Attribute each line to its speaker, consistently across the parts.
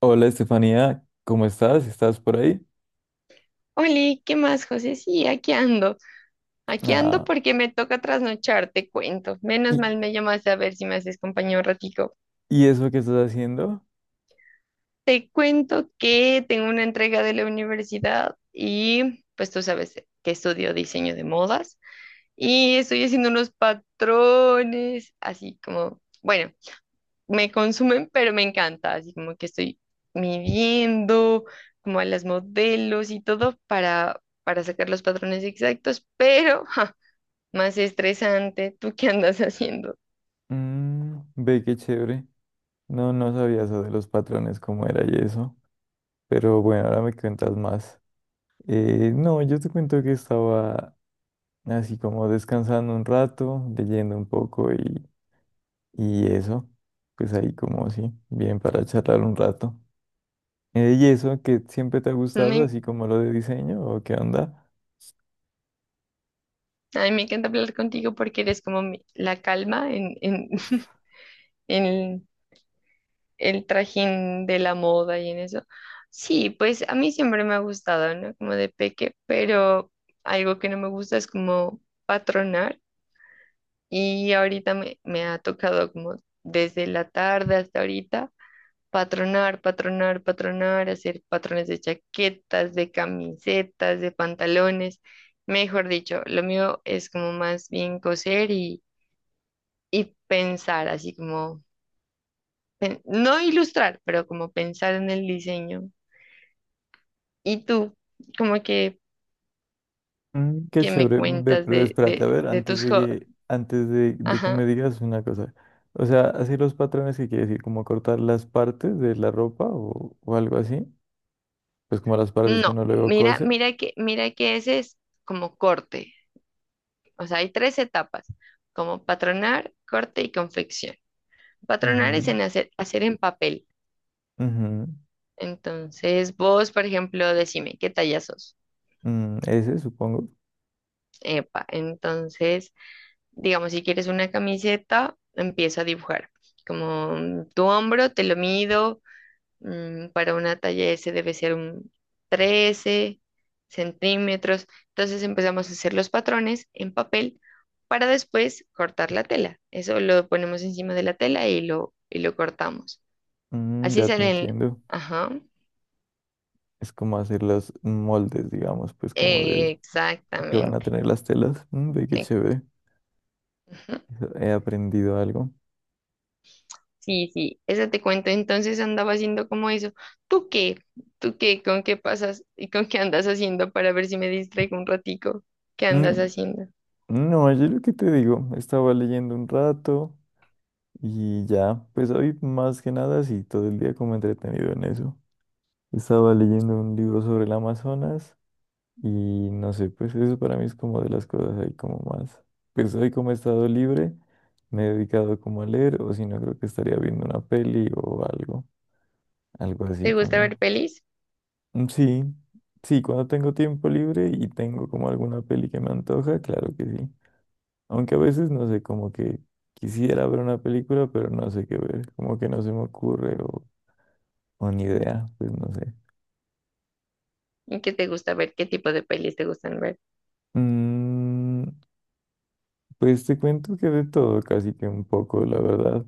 Speaker 1: Hola Estefanía, ¿cómo estás? ¿Estás por ahí?
Speaker 2: Oli, ¿qué más, José? Sí, aquí ando. Aquí ando
Speaker 1: Ah,
Speaker 2: porque me toca trasnochar, te cuento. Menos
Speaker 1: ¿y,
Speaker 2: mal me llamaste a ver si me haces compañía un ratico.
Speaker 1: y eso que estás haciendo?
Speaker 2: Te cuento que tengo una entrega de la universidad y pues tú sabes que estudio diseño de modas y estoy haciendo unos patrones, así como, bueno, me consumen, pero me encanta, así como que estoy midiendo como a las modelos y todo para sacar los patrones exactos, pero más estresante. ¿Tú qué andas haciendo?
Speaker 1: Mm, ve qué chévere. No, no sabía eso de los patrones, cómo era y eso. Pero bueno, ahora me cuentas más. No, yo te cuento que estaba así como descansando un rato, leyendo un poco y eso. Pues ahí como sí, bien para charlar un rato. ¿Y eso que siempre te ha gustado,
Speaker 2: Me,
Speaker 1: así como lo de diseño o qué onda?
Speaker 2: a mí me encanta hablar contigo porque eres como la calma en el, el trajín de la moda y en eso. Sí, pues a mí siempre me ha gustado, ¿no? Como de peque, pero algo que no me gusta es como patronar y ahorita me ha tocado como desde la tarde hasta ahorita. Patronar, patronar, patronar, hacer patrones de chaquetas, de camisetas, de pantalones. Mejor dicho, lo mío es como más bien coser y pensar, así como, no ilustrar, pero como pensar en el diseño. ¿Y tú, como
Speaker 1: Mm, qué
Speaker 2: que me
Speaker 1: chévere, ve,
Speaker 2: cuentas
Speaker 1: pero espérate, a ver,
Speaker 2: de
Speaker 1: antes
Speaker 2: tus
Speaker 1: de
Speaker 2: hobbies?
Speaker 1: que, antes de, de que me
Speaker 2: Ajá.
Speaker 1: digas una cosa. O sea, así los patrones que quiere decir, como cortar las partes de la ropa o algo así, pues como las partes que
Speaker 2: No,
Speaker 1: uno luego
Speaker 2: mira,
Speaker 1: cose.
Speaker 2: mira que ese es como corte. O sea, hay tres etapas, como patronar, corte y confección. Patronar
Speaker 1: Ujú,
Speaker 2: es en hacer en papel.
Speaker 1: ujú,
Speaker 2: Entonces, vos, por ejemplo, decime, ¿qué talla sos?
Speaker 1: mm, ese, supongo.
Speaker 2: Epa, entonces, digamos, si quieres una camiseta, empiezo a dibujar. Como tu hombro, te lo mido, para una talla S debe ser un 13 centímetros. Entonces empezamos a hacer los patrones en papel para después cortar la tela. Eso lo ponemos encima de la tela y lo cortamos.
Speaker 1: Mm,
Speaker 2: Así
Speaker 1: ya te
Speaker 2: salen,
Speaker 1: entiendo.
Speaker 2: ajá.
Speaker 1: Es como hacer los moldes, digamos, pues como del que van a
Speaker 2: Exactamente.
Speaker 1: tener las telas. Mm, ve, qué
Speaker 2: ex-
Speaker 1: chévere.
Speaker 2: ujú.
Speaker 1: He aprendido algo.
Speaker 2: Sí, sí, eso te cuento. Entonces andaba haciendo como eso. ¿Tú qué? ¿Tú qué? ¿Con qué pasas y con qué andas haciendo para ver si me distraigo un ratico? ¿Qué andas
Speaker 1: Mm,
Speaker 2: haciendo?
Speaker 1: no, yo lo que te digo, estaba leyendo un rato. Y ya, pues hoy más que nada sí, todo el día como entretenido en eso. Estaba leyendo un libro sobre el Amazonas y no sé, pues eso para mí es como de las cosas ahí como más. Pues hoy como he estado libre, me he dedicado como a leer o si no creo que estaría viendo una peli o algo así
Speaker 2: ¿Te gusta ver
Speaker 1: como.
Speaker 2: pelis?
Speaker 1: Mm, sí, sí, cuando tengo tiempo libre y tengo como alguna peli que me antoja, claro que sí. Aunque a veces no sé, como que quisiera ver una película, pero no sé qué ver, como que no se me ocurre o ni idea, pues no sé.
Speaker 2: ¿Y qué te gusta ver? ¿Qué tipo de pelis te gustan ver?
Speaker 1: Mm, pues te cuento que de todo, casi que un poco, la verdad.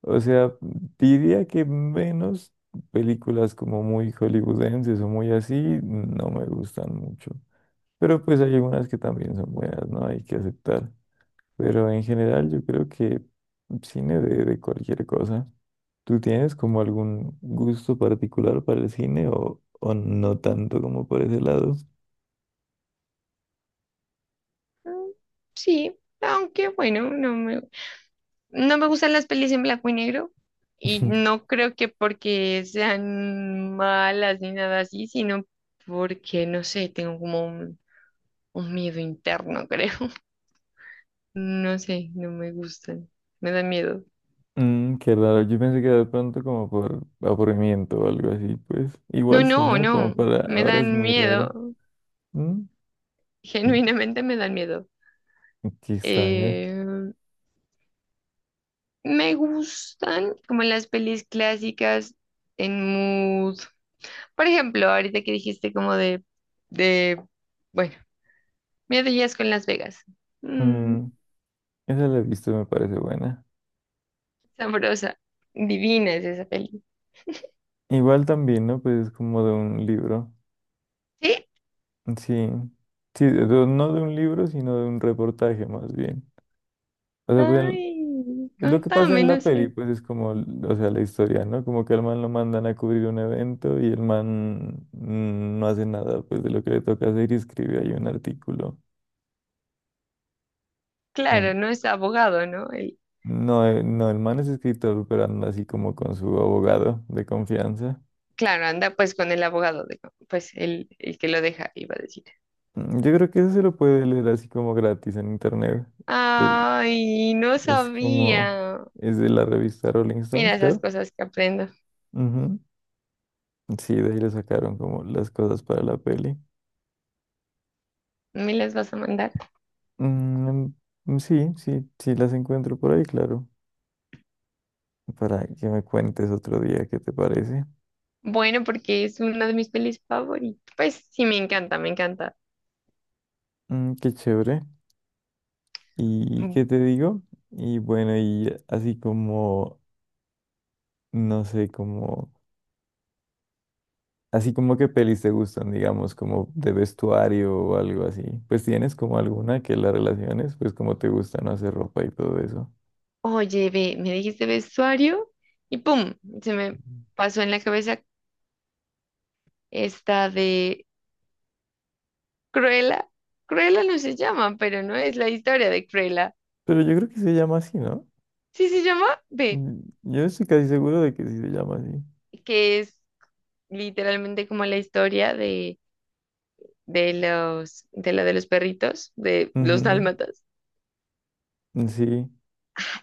Speaker 1: O sea, diría que menos películas como muy hollywoodenses o muy así, no me gustan mucho. Pero pues hay algunas que también son buenas, ¿no? Hay que aceptar. Pero en general yo creo que cine de cualquier cosa. ¿Tú tienes como algún gusto particular para el cine o no tanto como por ese lado?
Speaker 2: Mm, Sí, aunque bueno, no me gustan las pelis en blanco y negro. Y no creo que porque sean malas ni nada así, sino porque, no sé, tengo como un miedo interno, creo. No sé, no me gustan. Me dan miedo.
Speaker 1: Mm, qué raro, yo pensé que era de pronto como por aburrimiento o algo así, pues
Speaker 2: No,
Speaker 1: igual sí,
Speaker 2: no,
Speaker 1: ¿no? Como
Speaker 2: no.
Speaker 1: para
Speaker 2: Me
Speaker 1: ahora es
Speaker 2: dan
Speaker 1: muy raro.
Speaker 2: miedo.
Speaker 1: Mm, mm,
Speaker 2: Genuinamente me dan miedo.
Speaker 1: qué extraño.
Speaker 2: Eh, Me gustan como las pelis clásicas en mood. Por ejemplo, ahorita que dijiste como de, bueno, Miedo y Asco en Las Vegas. Mm,
Speaker 1: Mm, esa la he visto, me parece buena.
Speaker 2: sabrosa. Divina es esa peli.
Speaker 1: Igual también, ¿no? Pues es como de un libro.
Speaker 2: ¿Sí?
Speaker 1: Sí, sí, no de un libro, sino de un reportaje más bien. O sea, pues,
Speaker 2: Ay,
Speaker 1: es lo que pasa
Speaker 2: contame,
Speaker 1: en
Speaker 2: no
Speaker 1: la peli,
Speaker 2: sé.
Speaker 1: pues es como, o sea, la historia, ¿no? Como que al man lo mandan a cubrir un evento y el man no hace nada, pues de lo que le toca hacer y escribe ahí un artículo. Un-
Speaker 2: Claro, no es abogado, ¿no?
Speaker 1: No, no, el man es escritor, pero anda así como con su abogado de confianza.
Speaker 2: Claro, anda pues con el abogado, pues el que lo deja, iba a decir.
Speaker 1: Mm, yo creo que eso se lo puede leer así como gratis en internet. Pues,
Speaker 2: Ay, no
Speaker 1: es como,
Speaker 2: sabía.
Speaker 1: es de la revista Rolling Stone,
Speaker 2: Mira esas
Speaker 1: creo.
Speaker 2: cosas que aprendo.
Speaker 1: Ujú. Sí, de ahí le sacaron como las cosas para la peli.
Speaker 2: ¿Me las vas a mandar?
Speaker 1: Mm, mm, sí, sí, sí las encuentro por ahí, claro. Para que me cuentes otro día qué te parece.
Speaker 2: Bueno, porque es una de mis pelis favoritas. Pues sí, me encanta, me encanta.
Speaker 1: Mm, qué chévere. ¿Y
Speaker 2: Mm,
Speaker 1: qué te digo? Y bueno, y así como, no sé, como, así como qué pelis te gustan, digamos, como de vestuario o algo así. Pues tienes como alguna que la relaciones, pues como te gusta, no hacer ropa y todo eso.
Speaker 2: Oye, ve, me dijiste vestuario y pum, se me pasó en la cabeza esta de Cruella. Cruella no se llama, pero no es la historia de Cruella.
Speaker 1: Pero yo creo que se llama así, ¿no?
Speaker 2: Sí se llama, ve,
Speaker 1: Mm, yo estoy casi seguro de que sí se llama así.
Speaker 2: que es literalmente como la historia de los, de la de los perritos, de los
Speaker 1: Ujú,
Speaker 2: dálmatas.
Speaker 1: sí.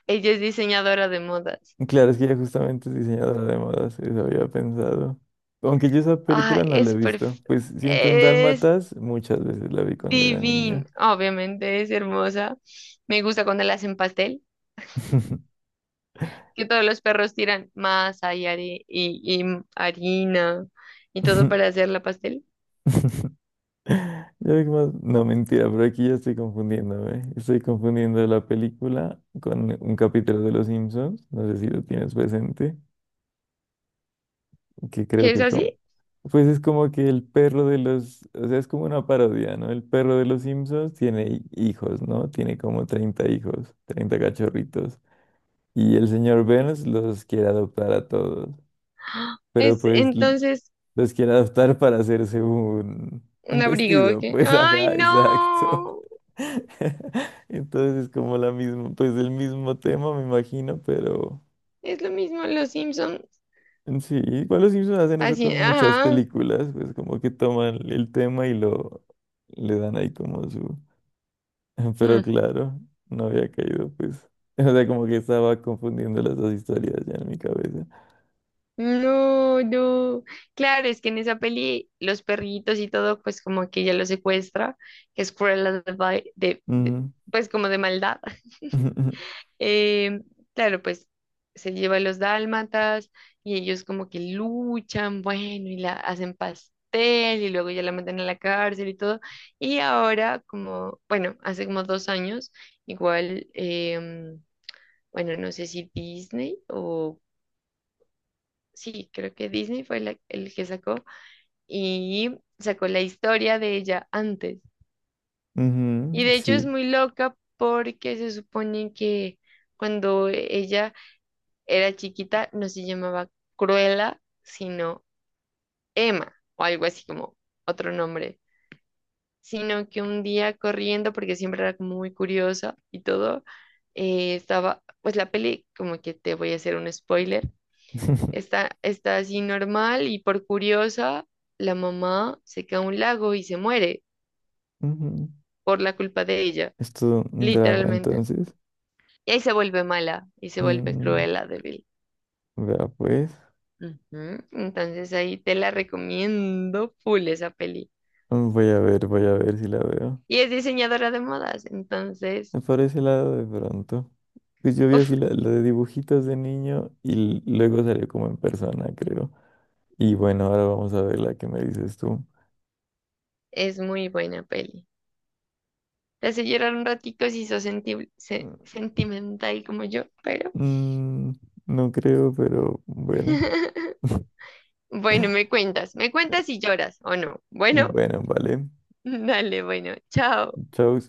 Speaker 2: Ella es diseñadora de modas.
Speaker 1: Claro, es que ella justamente es diseñadora de modas, eso había pensado. Aunque yo esa
Speaker 2: Ay,
Speaker 1: película no la he
Speaker 2: es
Speaker 1: visto,
Speaker 2: perf-
Speaker 1: pues siento un
Speaker 2: es
Speaker 1: dálmatas, muchas veces la vi cuando era niño.
Speaker 2: divina. Obviamente es hermosa. Me gusta cuando la hacen pastel, que todos los perros tiran masa y harina y todo para hacer la pastel.
Speaker 1: No, mentira, pero aquí ya estoy confundiéndome. Estoy confundiendo la película con un capítulo de Los Simpsons, no sé si lo tienes presente. Que creo
Speaker 2: ¿Qué es
Speaker 1: que como,
Speaker 2: así?
Speaker 1: pues es como que el perro de los, o sea, es como una parodia, ¿no? El perro de los Simpsons tiene hijos, ¿no? Tiene como 30 hijos, 30 cachorritos. Y el señor Burns los quiere adoptar a todos, pero
Speaker 2: Es
Speaker 1: pues
Speaker 2: entonces
Speaker 1: los quiere adoptar para hacerse un,
Speaker 2: un
Speaker 1: un
Speaker 2: abrigo
Speaker 1: vestido,
Speaker 2: que...
Speaker 1: pues
Speaker 2: ¡Ay,
Speaker 1: ajá, exacto.
Speaker 2: no!
Speaker 1: Entonces es como la misma, pues el mismo tema, me imagino, pero.
Speaker 2: Es lo mismo en los Simpsons.
Speaker 1: Sí, igual los Simpsons hacen eso
Speaker 2: Así,
Speaker 1: con muchas
Speaker 2: ajá.
Speaker 1: películas, pues como que toman el tema y lo le dan ahí como su. Pero
Speaker 2: Mm.
Speaker 1: claro, no había caído, pues. O sea, como que estaba confundiendo las dos historias ya en mi cabeza.
Speaker 2: No, no. Claro, es que en esa peli los perritos y todo, pues como que ella los secuestra, que es Cruella de, Vil- de-
Speaker 1: Ujú,
Speaker 2: pues como de maldad.
Speaker 1: ujú,
Speaker 2: Eh, claro, pues se lleva a los dálmatas y ellos como que luchan, bueno, y la hacen pastel y luego ya la meten a la cárcel y todo. Y ahora, como, bueno, hace como 2 años, igual, bueno, no sé si Disney o... Sí, creo que Disney fue el que sacó. Y sacó la historia de ella antes.
Speaker 1: ujú,
Speaker 2: Y de hecho es
Speaker 1: sí.
Speaker 2: muy loca porque se supone que cuando ella era chiquita no se llamaba Cruella, sino Emma o algo así como otro nombre, sino que un día corriendo, porque siempre era como muy curiosa y todo, estaba, pues la peli, como que te voy a hacer un spoiler, está así normal y por curiosa, la mamá se cae a un lago y se muere.
Speaker 1: Ujú.
Speaker 2: Por la culpa de ella,
Speaker 1: Es todo un drama,
Speaker 2: literalmente.
Speaker 1: entonces.
Speaker 2: Y ahí se vuelve mala y se vuelve
Speaker 1: Mm,
Speaker 2: cruela, débil.
Speaker 1: vea, pues.
Speaker 2: Ujú, entonces ahí te la recomiendo full esa peli.
Speaker 1: Mm, voy a ver, voy a ver si la veo.
Speaker 2: Y es diseñadora de modas, entonces,
Speaker 1: Por ese lado, de pronto. Pues yo vi
Speaker 2: uf,
Speaker 1: así la de dibujitos de niño y luego salió como en persona, creo. Y bueno, ahora vamos a ver la que me dices tú.
Speaker 2: es muy buena peli. Te hace llorar un ratico si sos sentimental como yo, pero
Speaker 1: Mm, no creo, pero bueno.
Speaker 2: bueno, me cuentas si lloras o no. Bueno,
Speaker 1: Bueno, vale.
Speaker 2: dale, bueno, chao.
Speaker 1: Chao.